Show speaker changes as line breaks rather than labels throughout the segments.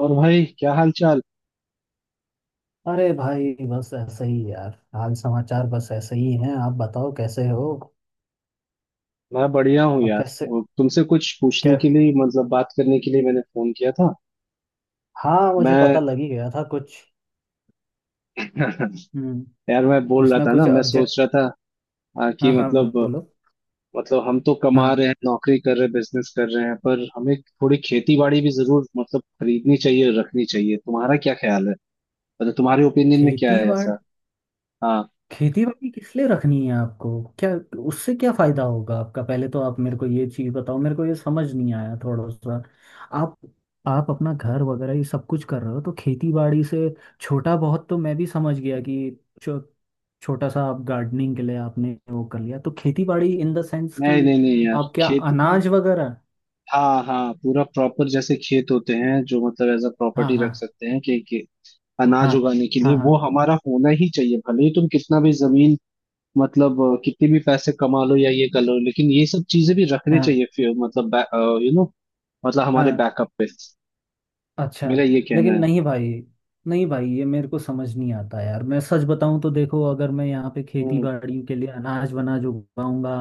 और भाई, क्या हाल चाल।
अरे भाई बस ऐसे ही यार। हाल समाचार बस ऐसे ही हैं। आप बताओ कैसे हो।
मैं बढ़िया हूँ
और
यार।
कैसे।
और तुमसे कुछ पूछने
कै
के लिए मतलब बात करने के लिए मैंने फोन किया था।
हाँ मुझे पता
मैं
लग ही गया था कुछ। हम्म।
यार, मैं बोल
कुछ
रहा
ना
था ना,
कुछ
मैं सोच
अर्जेंट।
रहा था
हाँ
कि
हाँ,
मतलब
बोलो।
मतलब हम तो कमा
हाँ।
रहे हैं, नौकरी कर रहे हैं, बिजनेस कर रहे हैं, पर हमें थोड़ी खेती बाड़ी भी जरूर मतलब खरीदनी चाहिए, रखनी चाहिए। तुम्हारा क्या ख्याल है? मतलब तुम्हारे ओपिनियन में क्या
खेती
है
बाड़
ऐसा? हाँ,
खेती बाड़ी किस लिए रखनी है आपको? क्या? उससे क्या फायदा होगा आपका? पहले तो आप मेरे को ये चीज बताओ, मेरे को ये समझ नहीं आया थोड़ा सा। आप आप अपना घर वगैरह ये सब कुछ कर रहे हो, तो खेती बाड़ी से। छोटा बहुत तो मैं भी समझ गया कि छोटा सा आप गार्डनिंग के लिए आपने वो कर लिया। तो खेती बाड़ी इन द सेंस कि
नहीं नहीं नहीं यार,
आप क्या
खेती।
अनाज वगैरह।
हाँ हाँ, पूरा प्रॉपर जैसे खेत होते हैं जो मतलब एज अ
हाँ
प्रॉपर्टी
हाँ।
रख सकते हैं, कि अनाज
हाँ
उगाने के लिए
हाँ। हाँ
वो हमारा होना ही चाहिए। भले ही तुम कितना भी जमीन मतलब कितने भी पैसे कमा लो या ये कर लो, लेकिन ये सब चीजें भी रखनी
हाँ
चाहिए फिर मतलब, यू नो मतलब हमारे
हाँ।
बैकअप पे।
अच्छा।
मेरा ये कहना
लेकिन
है।
नहीं भाई। नहीं भाई ये मेरे को समझ नहीं आता यार। मैं सच बताऊं तो देखो, अगर मैं यहाँ पे खेती
हम्म।
बाड़ी के लिए अनाज वनाज उगाऊंगा,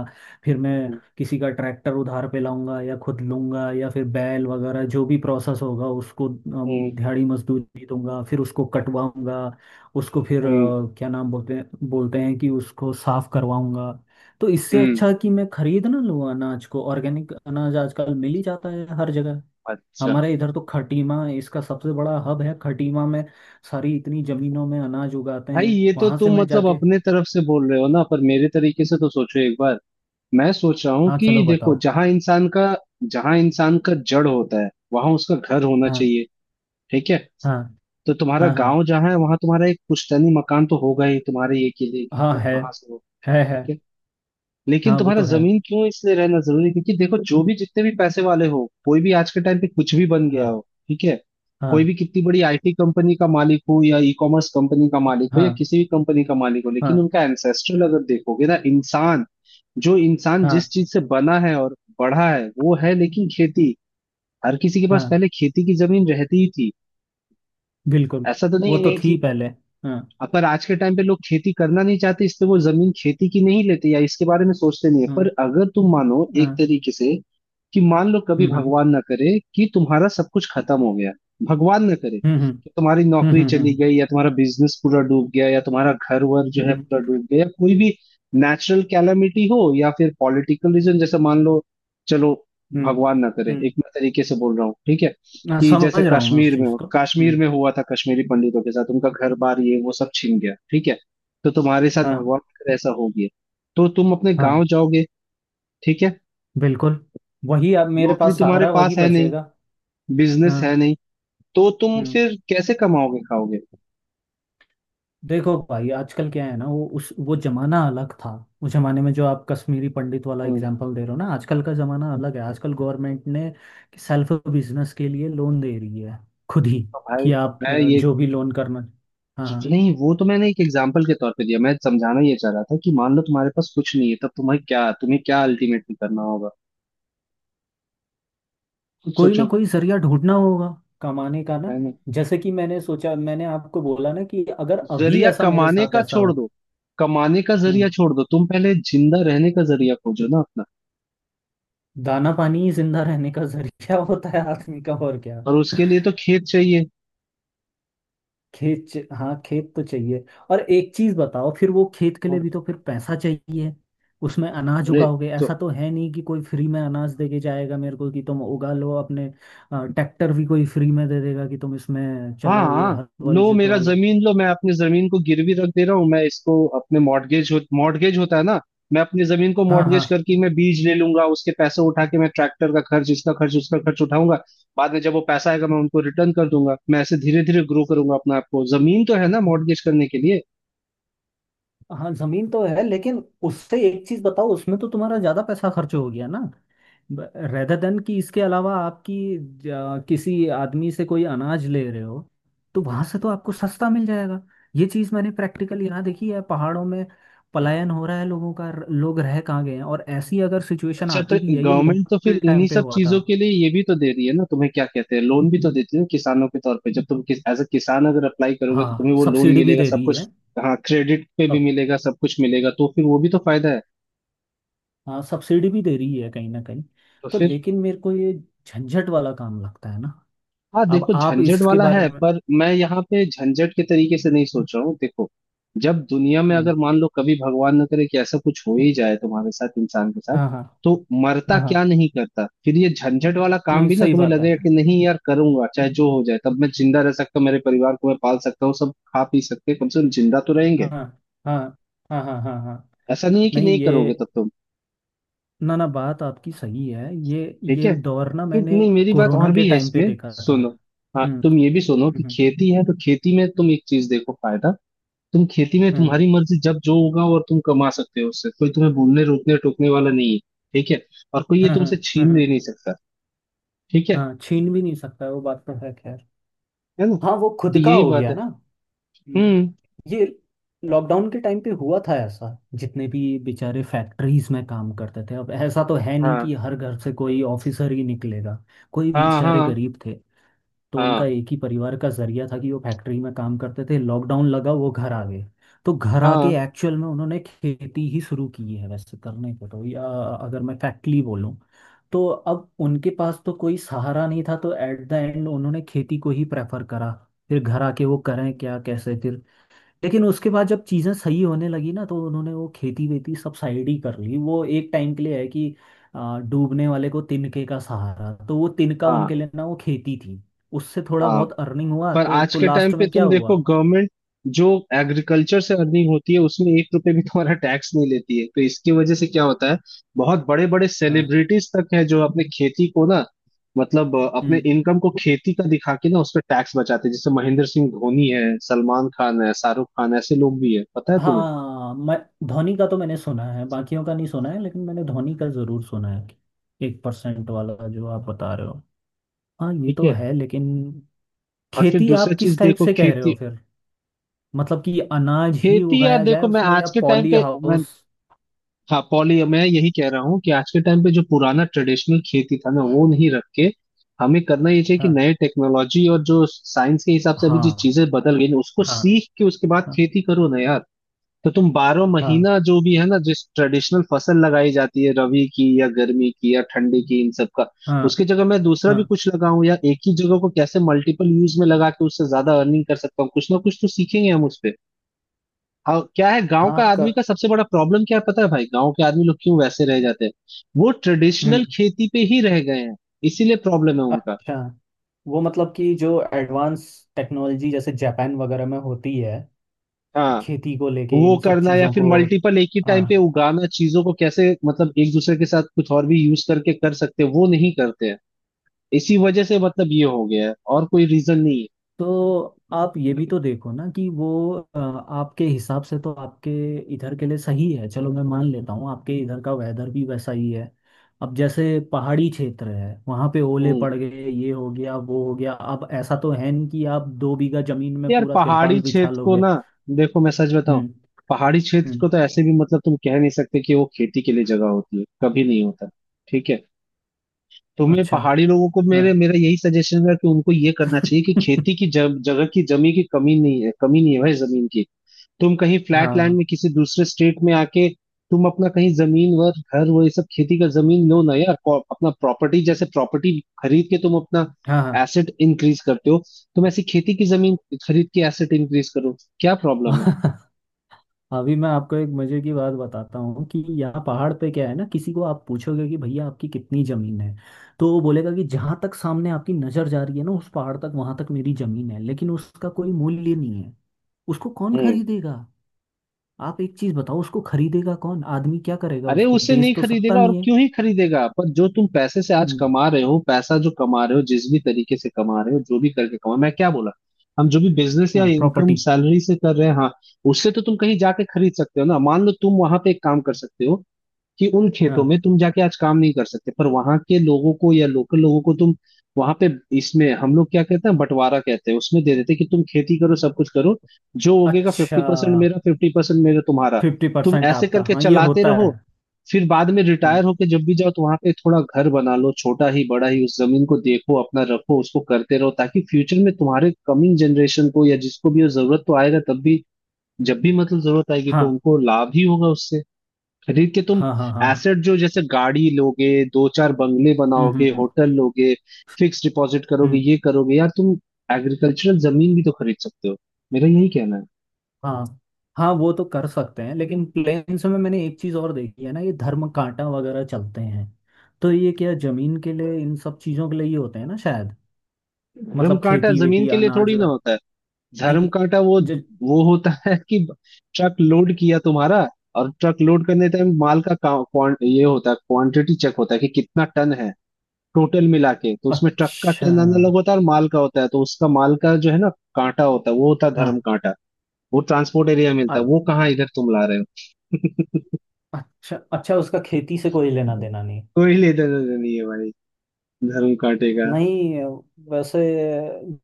फिर मैं
हम्म।
किसी का ट्रैक्टर उधार पे लाऊंगा या खुद लूंगा, या फिर बैल वगैरह जो भी प्रोसेस होगा उसको
हम्म।
दिहाड़ी मजदूरी दूंगा, फिर उसको कटवाऊंगा, उसको फिर
हम्म।
क्या नाम बोलते हैं कि उसको साफ करवाऊंगा। तो इससे
हम्म।
अच्छा कि मैं खरीद ना लूँ अनाज को। ऑर्गेनिक अनाज आजकल मिल ही जाता है हर जगह।
अच्छा।
हमारे इधर तो खटीमा इसका सबसे बड़ा हब है। खटीमा में सारी इतनी जमीनों में अनाज उगाते
भाई,
हैं,
ये तो
वहां से
तुम
मैं
मतलब
जाके।
अपने तरफ से बोल रहे हो ना, पर मेरे तरीके से तो सोचो एक बार। मैं सोच रहा हूँ
हाँ
कि
चलो
देखो,
बताओ।
जहां इंसान का जड़ होता है वहां उसका घर होना
हाँ
चाहिए। ठीक है।
हाँ।
तो तुम्हारा
हाँ हाँ।
गांव जहाँ है वहां तुम्हारा एक पुश्तैनी मकान तो होगा ही, तुम्हारे ये के लिए कि
हाँ।
तुम
है,
कहाँ से हो।
है। है।
ठीक है। लेकिन
हाँ वो
तुम्हारा
तो है।
जमीन क्यों इसलिए रहना जरूरी है? क्योंकि देखो, जो भी जितने भी पैसे वाले हो, कोई भी आज के टाइम पे कुछ भी बन गया हो,
हाँ
ठीक है, कोई
हाँ।
भी कितनी बड़ी आईटी कंपनी का मालिक हो या ई कॉमर्स कंपनी का मालिक हो या
हाँ
किसी भी कंपनी का मालिक हो, लेकिन
हाँ।
उनका एंसेस्ट्रल अगर देखोगे ना, इंसान जो इंसान जिस
हाँ
चीज से बना है और बढ़ा है वो है, लेकिन खेती हर किसी के पास
हाँ
पहले खेती की जमीन रहती ही थी।
बिल्कुल।
ऐसा तो
वो
नहीं,
तो
नहीं
थी
थी।
पहले। हाँ
अब पर आज के टाइम पे लोग खेती करना नहीं चाहते, इसलिए वो जमीन खेती की नहीं लेते या इसके बारे में सोचते नहीं है। पर
हाँ।
अगर तुम मानो एक
हाँ।
तरीके से कि मान लो कभी
हम्म।
भगवान ना करे कि तुम्हारा सब कुछ खत्म हो गया। भगवान ना करे
हम्म।
कि तुम्हारी नौकरी
हम्म।
चली गई या तुम्हारा बिजनेस पूरा डूब गया या तुम्हारा घर वर जो है
हम्म,
पूरा डूब गया, या कोई भी नेचुरल कैलामिटी हो, या फिर पॉलिटिकल रीजन, जैसे मान लो, चलो
हम्म,
भगवान ना करे,
हम्म,
एक मैं तरीके से बोल रहा हूँ, ठीक है,
हाँ,
कि
समझ
जैसे
रहा हूँ मैं उस
कश्मीर में
चीज को।
कश्मीर
हम्म।
में हुआ था कश्मीरी पंडितों के साथ, उनका घर बार ये वो सब छीन गया, ठीक है, तो तुम्हारे साथ
हाँ
भगवान करे ऐसा हो गया, तो तुम अपने
हाँ
गांव जाओगे, ठीक है।
बिल्कुल। वही अब मेरे
नौकरी
पास
तुम्हारे
सहारा
पास
वही
है नहीं,
बचेगा।
बिजनेस है
हाँ।
नहीं, तो तुम
हम्म,
फिर कैसे कमाओगे खाओगे?
देखो भाई आजकल क्या है ना। वो जमाना अलग था। उस जमाने में जो आप कश्मीरी पंडित वाला
हम्म।
एग्जांपल दे रहे हो ना, आजकल का जमाना अलग है। आजकल गवर्नमेंट ने सेल्फ बिजनेस के लिए लोन दे रही है खुद ही,
तो भाई,
कि आप
मैं ये
जो भी लोन करना। हाँ हाँ।
नहीं, वो तो मैंने एक एग्जाम्पल के तौर पे दिया, मैं समझाना ये चाह रहा था कि मान लो तुम्हारे पास कुछ नहीं है, तब तुम्हें क्या अल्टीमेटली करना होगा, खुद
कोई ना
सोचो,
कोई जरिया ढूंढना होगा कमाने का ना।
है ना?
जैसे कि मैंने सोचा, मैंने आपको बोला ना, कि अगर अभी
जरिया
ऐसा मेरे
कमाने
साथ
का
ऐसा
छोड़
होता।
दो, कमाने का जरिया
हम्म।
छोड़ दो, तुम पहले जिंदा रहने का जरिया खोजो ना अपना,
दाना पानी ही जिंदा रहने का जरिया होता है आदमी का, और क्या।
और उसके लिए तो खेत चाहिए।
हाँ खेत तो चाहिए। और एक चीज बताओ, फिर वो खेत के लिए भी तो फिर पैसा चाहिए। उसमें अनाज
अरे
उगाओगे,
तो
ऐसा तो है नहीं कि कोई फ्री में अनाज देके जाएगा मेरे को कि तुम उगा लो अपने। ट्रैक्टर भी कोई फ्री में दे देगा कि तुम इसमें चलो ये
हाँ,
हल वल
लो मेरा
जुतवा लो।
जमीन लो, मैं अपनी जमीन को गिरवी रख दे रहा हूँ, मैं इसको अपने मॉर्गेज होता है ना, मैं अपनी जमीन को
हाँ हाँ।
मॉर्गेज करके मैं बीज ले लूंगा, उसके पैसे उठा के मैं ट्रैक्टर का खर्च, इसका खर्च, उसका खर्च उठाऊंगा। बाद में जब वो पैसा आएगा मैं उनको रिटर्न कर दूंगा। मैं ऐसे धीरे धीरे ग्रो करूंगा अपने आप को। जमीन तो है ना मॉर्गेज करने के लिए।
हाँ जमीन तो है, लेकिन उससे एक चीज बताओ, उसमें तो तुम्हारा ज्यादा पैसा खर्च हो गया ना। रेदर देन कि इसके अलावा आपकी किसी आदमी से कोई अनाज ले रहे हो, तो वहां से तो आपको सस्ता मिल जाएगा। ये चीज मैंने प्रैक्टिकली यहाँ देखी है पहाड़ों में। पलायन हो रहा है लोगों का। लोग रह कहाँ गए हैं। और ऐसी अगर सिचुएशन
अच्छा, तो
आती भी है, ये
गवर्नमेंट तो
लॉकडाउन के
फिर
टाइम
इन्हीं
पे
सब
हुआ था।
चीजों के लिए ये भी तो दे रही है ना तुम्हें, क्या कहते हैं, लोन भी तो देती है ना किसानों के तौर पे। जब तुम किस एज अ किसान अगर अप्लाई करोगे तो
हाँ
तुम्हें वो लोन
सब्सिडी भी
मिलेगा,
दे
सब
रही है।
कुछ। हाँ, क्रेडिट पे भी
सब।
मिलेगा, सब कुछ मिलेगा, तो फिर वो भी तो फायदा है।
हाँ सब्सिडी भी दे रही है कहीं ना कहीं।
तो
तो
फिर।
लेकिन मेरे को ये झंझट वाला काम लगता है ना।
हाँ
अब
देखो,
आप
झंझट
इसके
वाला
बारे
है,
में।
पर मैं यहाँ पे झंझट के तरीके से नहीं सोच रहा हूँ। देखो, जब दुनिया में
हम्म,
अगर मान लो कभी भगवान न करे कि ऐसा कुछ हो ही जाए तुम्हारे साथ, इंसान के साथ,
हाँ हाँ
तो मरता
हाँ हाँ,
क्या नहीं करता, फिर ये झंझट वाला काम
नहीं
भी ना
सही
तुम्हें
बात है।
लगेगा कि नहीं यार, करूंगा, चाहे जो हो जाए, तब मैं जिंदा रह सकता हूँ, मेरे परिवार को मैं पाल सकता हूँ, सब खा पी सकते हैं, कम से कम जिंदा तो रहेंगे।
हाँ हाँ हाँ हाँ। हाँ हाँ।
ऐसा नहीं है कि
नहीं
नहीं
ये।
करोगे तब तुम।
ना ना, बात आपकी सही है ये।
ठीक है।
ये दौर ना,
फिर
मैंने
नहीं, मेरी बात
कोरोना
और
के
भी है
टाइम पे
इसमें,
देखा था।
सुनो। हाँ,
हम्म
तुम ये भी सुनो कि
हम्म।
खेती है तो खेती में तुम एक चीज देखो, फायदा। तुम खेती में
हम्म।
तुम्हारी मर्जी, जब जो होगा और तुम कमा सकते हो उससे, कोई तुम्हें बोलने रोकने टोकने वाला नहीं है, ठीक है, और कोई ये
हाँ हाँ।
तुमसे
हाँ
छीन ले
हाँ।
नहीं सकता। ठीक है
हाँ, छीन भी नहीं सकता, वो बात तो है खैर।
है ना,
हाँ वो
तो
खुद का
यही
हो
बात
गया ना।
है।
हम्म,
हम्म।
ये लॉकडाउन के टाइम पे हुआ था ऐसा। जितने भी बेचारे फैक्ट्रीज में काम करते थे, अब ऐसा तो है नहीं
हाँ
कि हर घर से कोई ऑफिसर ही निकलेगा। कोई
हाँ
बेचारे
हाँ
गरीब थे, तो उनका
हाँ।
एक ही परिवार का जरिया था कि वो फैक्ट्री में काम करते थे। लॉकडाउन लगा, वो घर आ गए। तो घर आके
हाँ
एक्चुअल में उन्होंने खेती ही शुरू की है वैसे, करने को तो। या अगर मैं फैक्टली बोलूँ, तो अब उनके पास तो कोई सहारा नहीं था, तो एट द एंड उन्होंने खेती को ही प्रेफर करा। फिर घर आके वो करें क्या, कैसे फिर। लेकिन उसके बाद जब चीज़ें सही होने लगी ना, तो उन्होंने वो खेती वेती सब साइड ही कर ली। वो एक टाइम के लिए है कि डूबने वाले को तिनके का सहारा, तो वो तिनका उनके
हाँ
लिए ना वो खेती थी। उससे थोड़ा
हाँ।
बहुत अर्निंग हुआ,
पर
तो
आज
तो
के टाइम
लास्ट
पे
में क्या
तुम देखो,
हुआ।
गवर्नमेंट जो एग्रीकल्चर से अर्निंग होती है उसमें एक रुपए भी तुम्हारा टैक्स नहीं लेती है, तो इसकी वजह से क्या होता है, बहुत बड़े बड़े
हाँ।
सेलिब्रिटीज तक है जो अपने खेती को ना, मतलब अपने
हम्म,
इनकम को खेती का दिखा के ना उस पर टैक्स बचाते हैं, जैसे महेंद्र सिंह धोनी है, सलमान खान है, शाहरुख खान, ऐसे लोग भी है, पता है तुम्हें?
हाँ मैं धोनी का तो मैंने सुना है, बाकियों का नहीं सुना है, लेकिन मैंने धोनी का ज़रूर सुना है। एक परसेंट वाला जो आप बता रहे हो, हाँ ये
ठीक
तो
है,
है। लेकिन
और फिर
खेती आप
दूसरा
किस
चीज
टाइप
देखो,
से कह रहे हो
खेती।
फिर? मतलब कि अनाज ही
खेती यार,
उगाया जाए
देखो मैं
उसमें, या
आज के टाइम
पॉली
पे,
हाउस।
हाँ पॉली, मैं यही कह रहा हूँ कि आज के टाइम पे जो पुराना ट्रेडिशनल खेती था ना वो नहीं रख के हमें करना ये चाहिए कि
हाँ
नए टेक्नोलॉजी और जो साइंस के हिसाब से अभी जो
हाँ।
चीजें बदल गई ना उसको
हाँ
सीख के उसके बाद
हाँ।
खेती करो ना यार। तो तुम बारह
हाँ
महीना जो भी है ना, जिस ट्रेडिशनल फसल लगाई जाती है, रबी की या गर्मी की या ठंडी की, इन सब का
हाँ।
उसकी जगह मैं दूसरा
हाँ
भी कुछ लगाऊं या एक ही जगह को कैसे मल्टीपल यूज में लगा के उससे ज्यादा अर्निंग कर सकता हूँ, कुछ ना कुछ तो सीखेंगे हम उसपे। हाँ, क्या है गांव का
हाँ का।
आदमी का सबसे बड़ा प्रॉब्लम क्या है पता है भाई, गांव के आदमी लोग क्यों वैसे रह जाते हैं? वो ट्रेडिशनल
हम्म।
खेती पे ही रह गए हैं, इसीलिए प्रॉब्लम है उनका।
अच्छा, वो मतलब कि जो एडवांस टेक्नोलॉजी जैसे जापान वगैरह में होती है,
हाँ,
खेती को लेके
वो
इन सब
करना या
चीज़ों
फिर
को।
मल्टीपल एक ही टाइम पे
हाँ।
उगाना चीजों को कैसे, मतलब एक दूसरे के साथ कुछ और भी यूज करके कर सकते हैं, वो नहीं करते हैं, इसी वजह से मतलब ये हो गया है, और कोई रीजन नहीं है।
तो आप ये भी तो देखो ना कि वो आपके हिसाब से तो आपके इधर के लिए सही है, चलो मैं मान लेता हूँ आपके इधर का वेदर भी वैसा ही है। अब जैसे पहाड़ी क्षेत्र है, वहाँ पे ओले
हम्म।
पड़ गए, ये हो गया, वो हो गया, अब ऐसा तो है नहीं कि आप दो बीघा जमीन में
यार,
पूरा
पहाड़ी
तिरपाल बिछा
क्षेत्र को
लोगे।
ना, देखो मैं सच बताऊं,
हम्म
पहाड़ी क्षेत्र
हम्म।
को तो ऐसे भी मतलब तुम कह नहीं सकते कि वो खेती के लिए जगह होती है, कभी नहीं होता। ठीक है। तुम्हें
अच्छा।
पहाड़ी लोगों को
हाँ
मेरे मेरा यही सजेशन है कि उनको ये करना चाहिए कि खेती की जगह की, जमी की कमी नहीं है, कमी नहीं है भाई जमीन की। तुम कहीं फ्लैट लैंड
हाँ
में किसी दूसरे स्टेट में आके तुम अपना कहीं जमीन वर, घर वो ये सब खेती का जमीन लो ना यार, अपना प्रॉपर्टी जैसे, प्रॉपर्टी खरीद के तुम अपना
हाँ
एसेट इंक्रीज करते हो, तुम ऐसी खेती की जमीन खरीद के एसेट इंक्रीज करो, क्या प्रॉब्लम है।
हाँ अभी मैं आपको एक मजे की बात बताता हूँ कि यहाँ पहाड़ पे क्या है ना, किसी को आप पूछोगे कि भैया आपकी कितनी जमीन है, तो वो बोलेगा कि जहां तक सामने आपकी नजर जा रही है ना उस पहाड़ तक, वहां तक मेरी जमीन है, लेकिन उसका कोई मूल्य नहीं है। उसको कौन
हम्म।
खरीदेगा। आप एक चीज बताओ, उसको खरीदेगा कौन, आदमी क्या करेगा,
अरे,
उसको
उसे
बेच
नहीं
तो सकता
खरीदेगा, और
नहीं है।
क्यों ही खरीदेगा, पर जो तुम पैसे से आज
हम्म,
कमा रहे हो, पैसा जो कमा रहे हो, जिस भी तरीके से कमा रहे हो, जो भी करके कमा, मैं क्या बोला, हम जो भी बिजनेस या
हाँ,
इनकम
प्रॉपर्टी।
सैलरी से कर रहे हैं, हाँ, उससे तो तुम कहीं जाके खरीद सकते हो ना। मान लो तुम वहां पे एक काम कर सकते हो कि उन खेतों
हाँ।
में तुम जाके आज काम नहीं कर सकते, पर वहां के लोगों को या लोकल लोगों को तुम वहां पे, इसमें हम लोग क्या कहते हैं बंटवारा कहते हैं, उसमें दे देते हैं कि तुम खेती करो सब कुछ करो, जो उगेगा
अच्छा।
50% मेरा, 50% मेरा तुम्हारा।
फिफ्टी
तुम
परसेंट
ऐसे
आपका,
करके
हाँ ये
चलाते
होता है।
रहो, फिर बाद में रिटायर
हाँ
होके जब भी जाओ तो वहां पे थोड़ा घर बना लो, छोटा ही बड़ा ही, उस जमीन को देखो अपना, रखो उसको, करते रहो, ताकि फ्यूचर में तुम्हारे कमिंग जनरेशन को या जिसको भी वो जरूरत तो आएगा तब भी, जब भी मतलब जरूरत आएगी तो
हाँ।
उनको लाभ ही होगा उससे। खरीद के तुम
हाँ हाँ। हाँ हाँ,
एसेट जो, जैसे गाड़ी लोगे, दो चार बंगले बनाओगे,
हम्म।
होटल लोगे, फिक्स डिपॉजिट करोगे,
हम्म।
ये करोगे यार तुम, एग्रीकल्चरल जमीन भी तो खरीद सकते हो, मेरा यही कहना है।
हाँ। हाँ वो तो कर सकते हैं, लेकिन प्लेन्स में मैंने एक चीज़ और देखी है ना, ये धर्म कांटा वगैरह चलते हैं। तो ये क्या जमीन के लिए इन सब चीज़ों के लिए ही होते हैं ना शायद?
धर्म
मतलब
कांटा
खेती
जमीन
वेती
के लिए
अनाज।
थोड़ी ना होता है। धर्म
नहीं।
कांटा, वो
जो।
वो होता है कि ट्रक लोड किया तुम्हारा, और ट्रक लोड करने टाइम माल ये होता है, क्वांटिटी चेक होता है कि कितना टन है, टोटल मिला के तो उसमें ट्रक का
अच्छा।
टन अलग होता है और माल का होता है, तो उसका माल का जो है ना कांटा होता है, वो होता है
हाँ।
धर्म कांटा। वो ट्रांसपोर्ट एरिया मिलता है
अ-
वो, कहाँ इधर तुम ला रहे हो?
अच्छा अच्छा, उसका खेती से कोई लेना देना नहीं।
कोई लेना देना नहीं है भाई, धर्म काटेगा।
नहीं। वैसे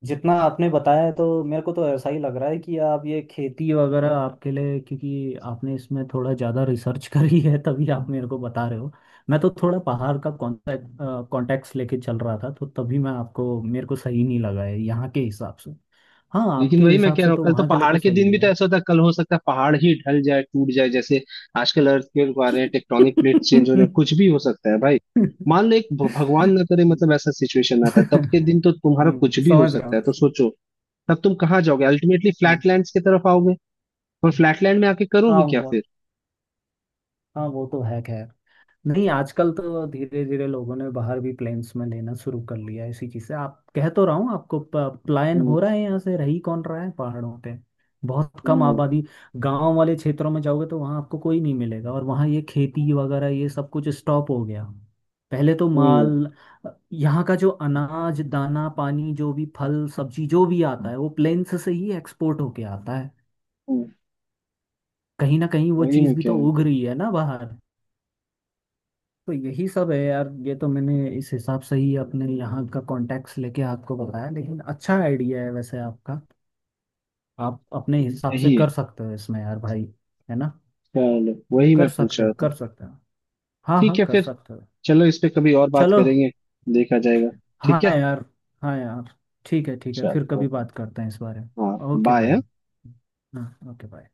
जितना आपने बताया है, तो मेरे को तो ऐसा ही लग रहा है कि आप ये खेती वगैरह आपके लिए, क्योंकि आपने इसमें थोड़ा ज़्यादा रिसर्च करी है तभी आप मेरे को बता रहे हो। मैं तो थोड़ा पहाड़ का कॉन्टेक्ट कॉन्टेक्ट लेके चल रहा था, तो तभी मैं आपको, मेरे को सही नहीं लगा है यहाँ के हिसाब से। हाँ
लेकिन
आपके
वही मैं
हिसाब
कह
से
रहा हूँ,
तो
कल तो
वहाँ के लिए
पहाड़
तो
के दिन
सही
भी तो
है।
ऐसा होता है, कल हो सकता है पहाड़ ही ढल जाए, टूट जाए, जैसे आजकल अर्थक्वेक आ रहे हैं, टेक्टोनिक प्लेट चेंज हो रहे हैं, कुछ भी हो सकता है भाई। मान लो एक भगवान ना करे मतलब ऐसा सिचुएशन आता है, तब के दिन तो तुम्हारा कुछ भी हो
समझ रहा
सकता है, तो
हूँ।
सोचो, तब तुम कहाँ जाओगे? अल्टीमेटली
हाँ
फ्लैट लैंड्स की तरफ आओगे, और फ्लैट लैंड में आके
हाँ
करोगे क्या
वो,
फिर?
हाँ वो तो है खैर। नहीं आजकल तो धीरे धीरे लोगों ने बाहर भी प्लेन्स में लेना शुरू कर लिया है, इसी चीज से आप, कह तो रहा हूँ आपको, पलायन
हम्म।
हो रहा है यहाँ से, रही कौन रहा है पहाड़ों पे, बहुत कम
हम्म।
आबादी। गांव वाले क्षेत्रों में जाओगे, तो वहाँ आपको कोई नहीं मिलेगा, और वहाँ ये खेती वगैरह ये सब कुछ स्टॉप हो गया। पहले तो
हम्म।
माल यहाँ का जो अनाज दाना पानी जो भी फल सब्जी जो भी आता है, वो प्लेन्स से ही एक्सपोर्ट होके आता है,
हम्म,
कहीं ना कहीं वो
वही मैं
चीज़ भी
कह
तो
रहा हूँ।
उग रही है ना बाहर। तो यही सब है यार। ये तो मैंने इस हिसाब से ही अपने यहाँ का कॉन्टेक्ट लेके आपको बताया, लेकिन अच्छा आइडिया है वैसे आपका। आप अपने हिसाब से
यही
कर
है।
सकते हो इसमें यार भाई, है ना।
चलो, वही मैं
कर
पूछ
सकते हो,
रहा था।
कर सकते हो। हाँ हाँ
ठीक है
कर
फिर,
सकते हो।
चलो, इस पे कभी और बात
चलो।
करेंगे। देखा जाएगा।
हाँ
ठीक है।
यार। हाँ यार। ठीक है ठीक है, फिर कभी
चलो।
बात करते हैं इस बारे
हाँ।
में। Okay
bye.
बाय। हाँ ओके बाय।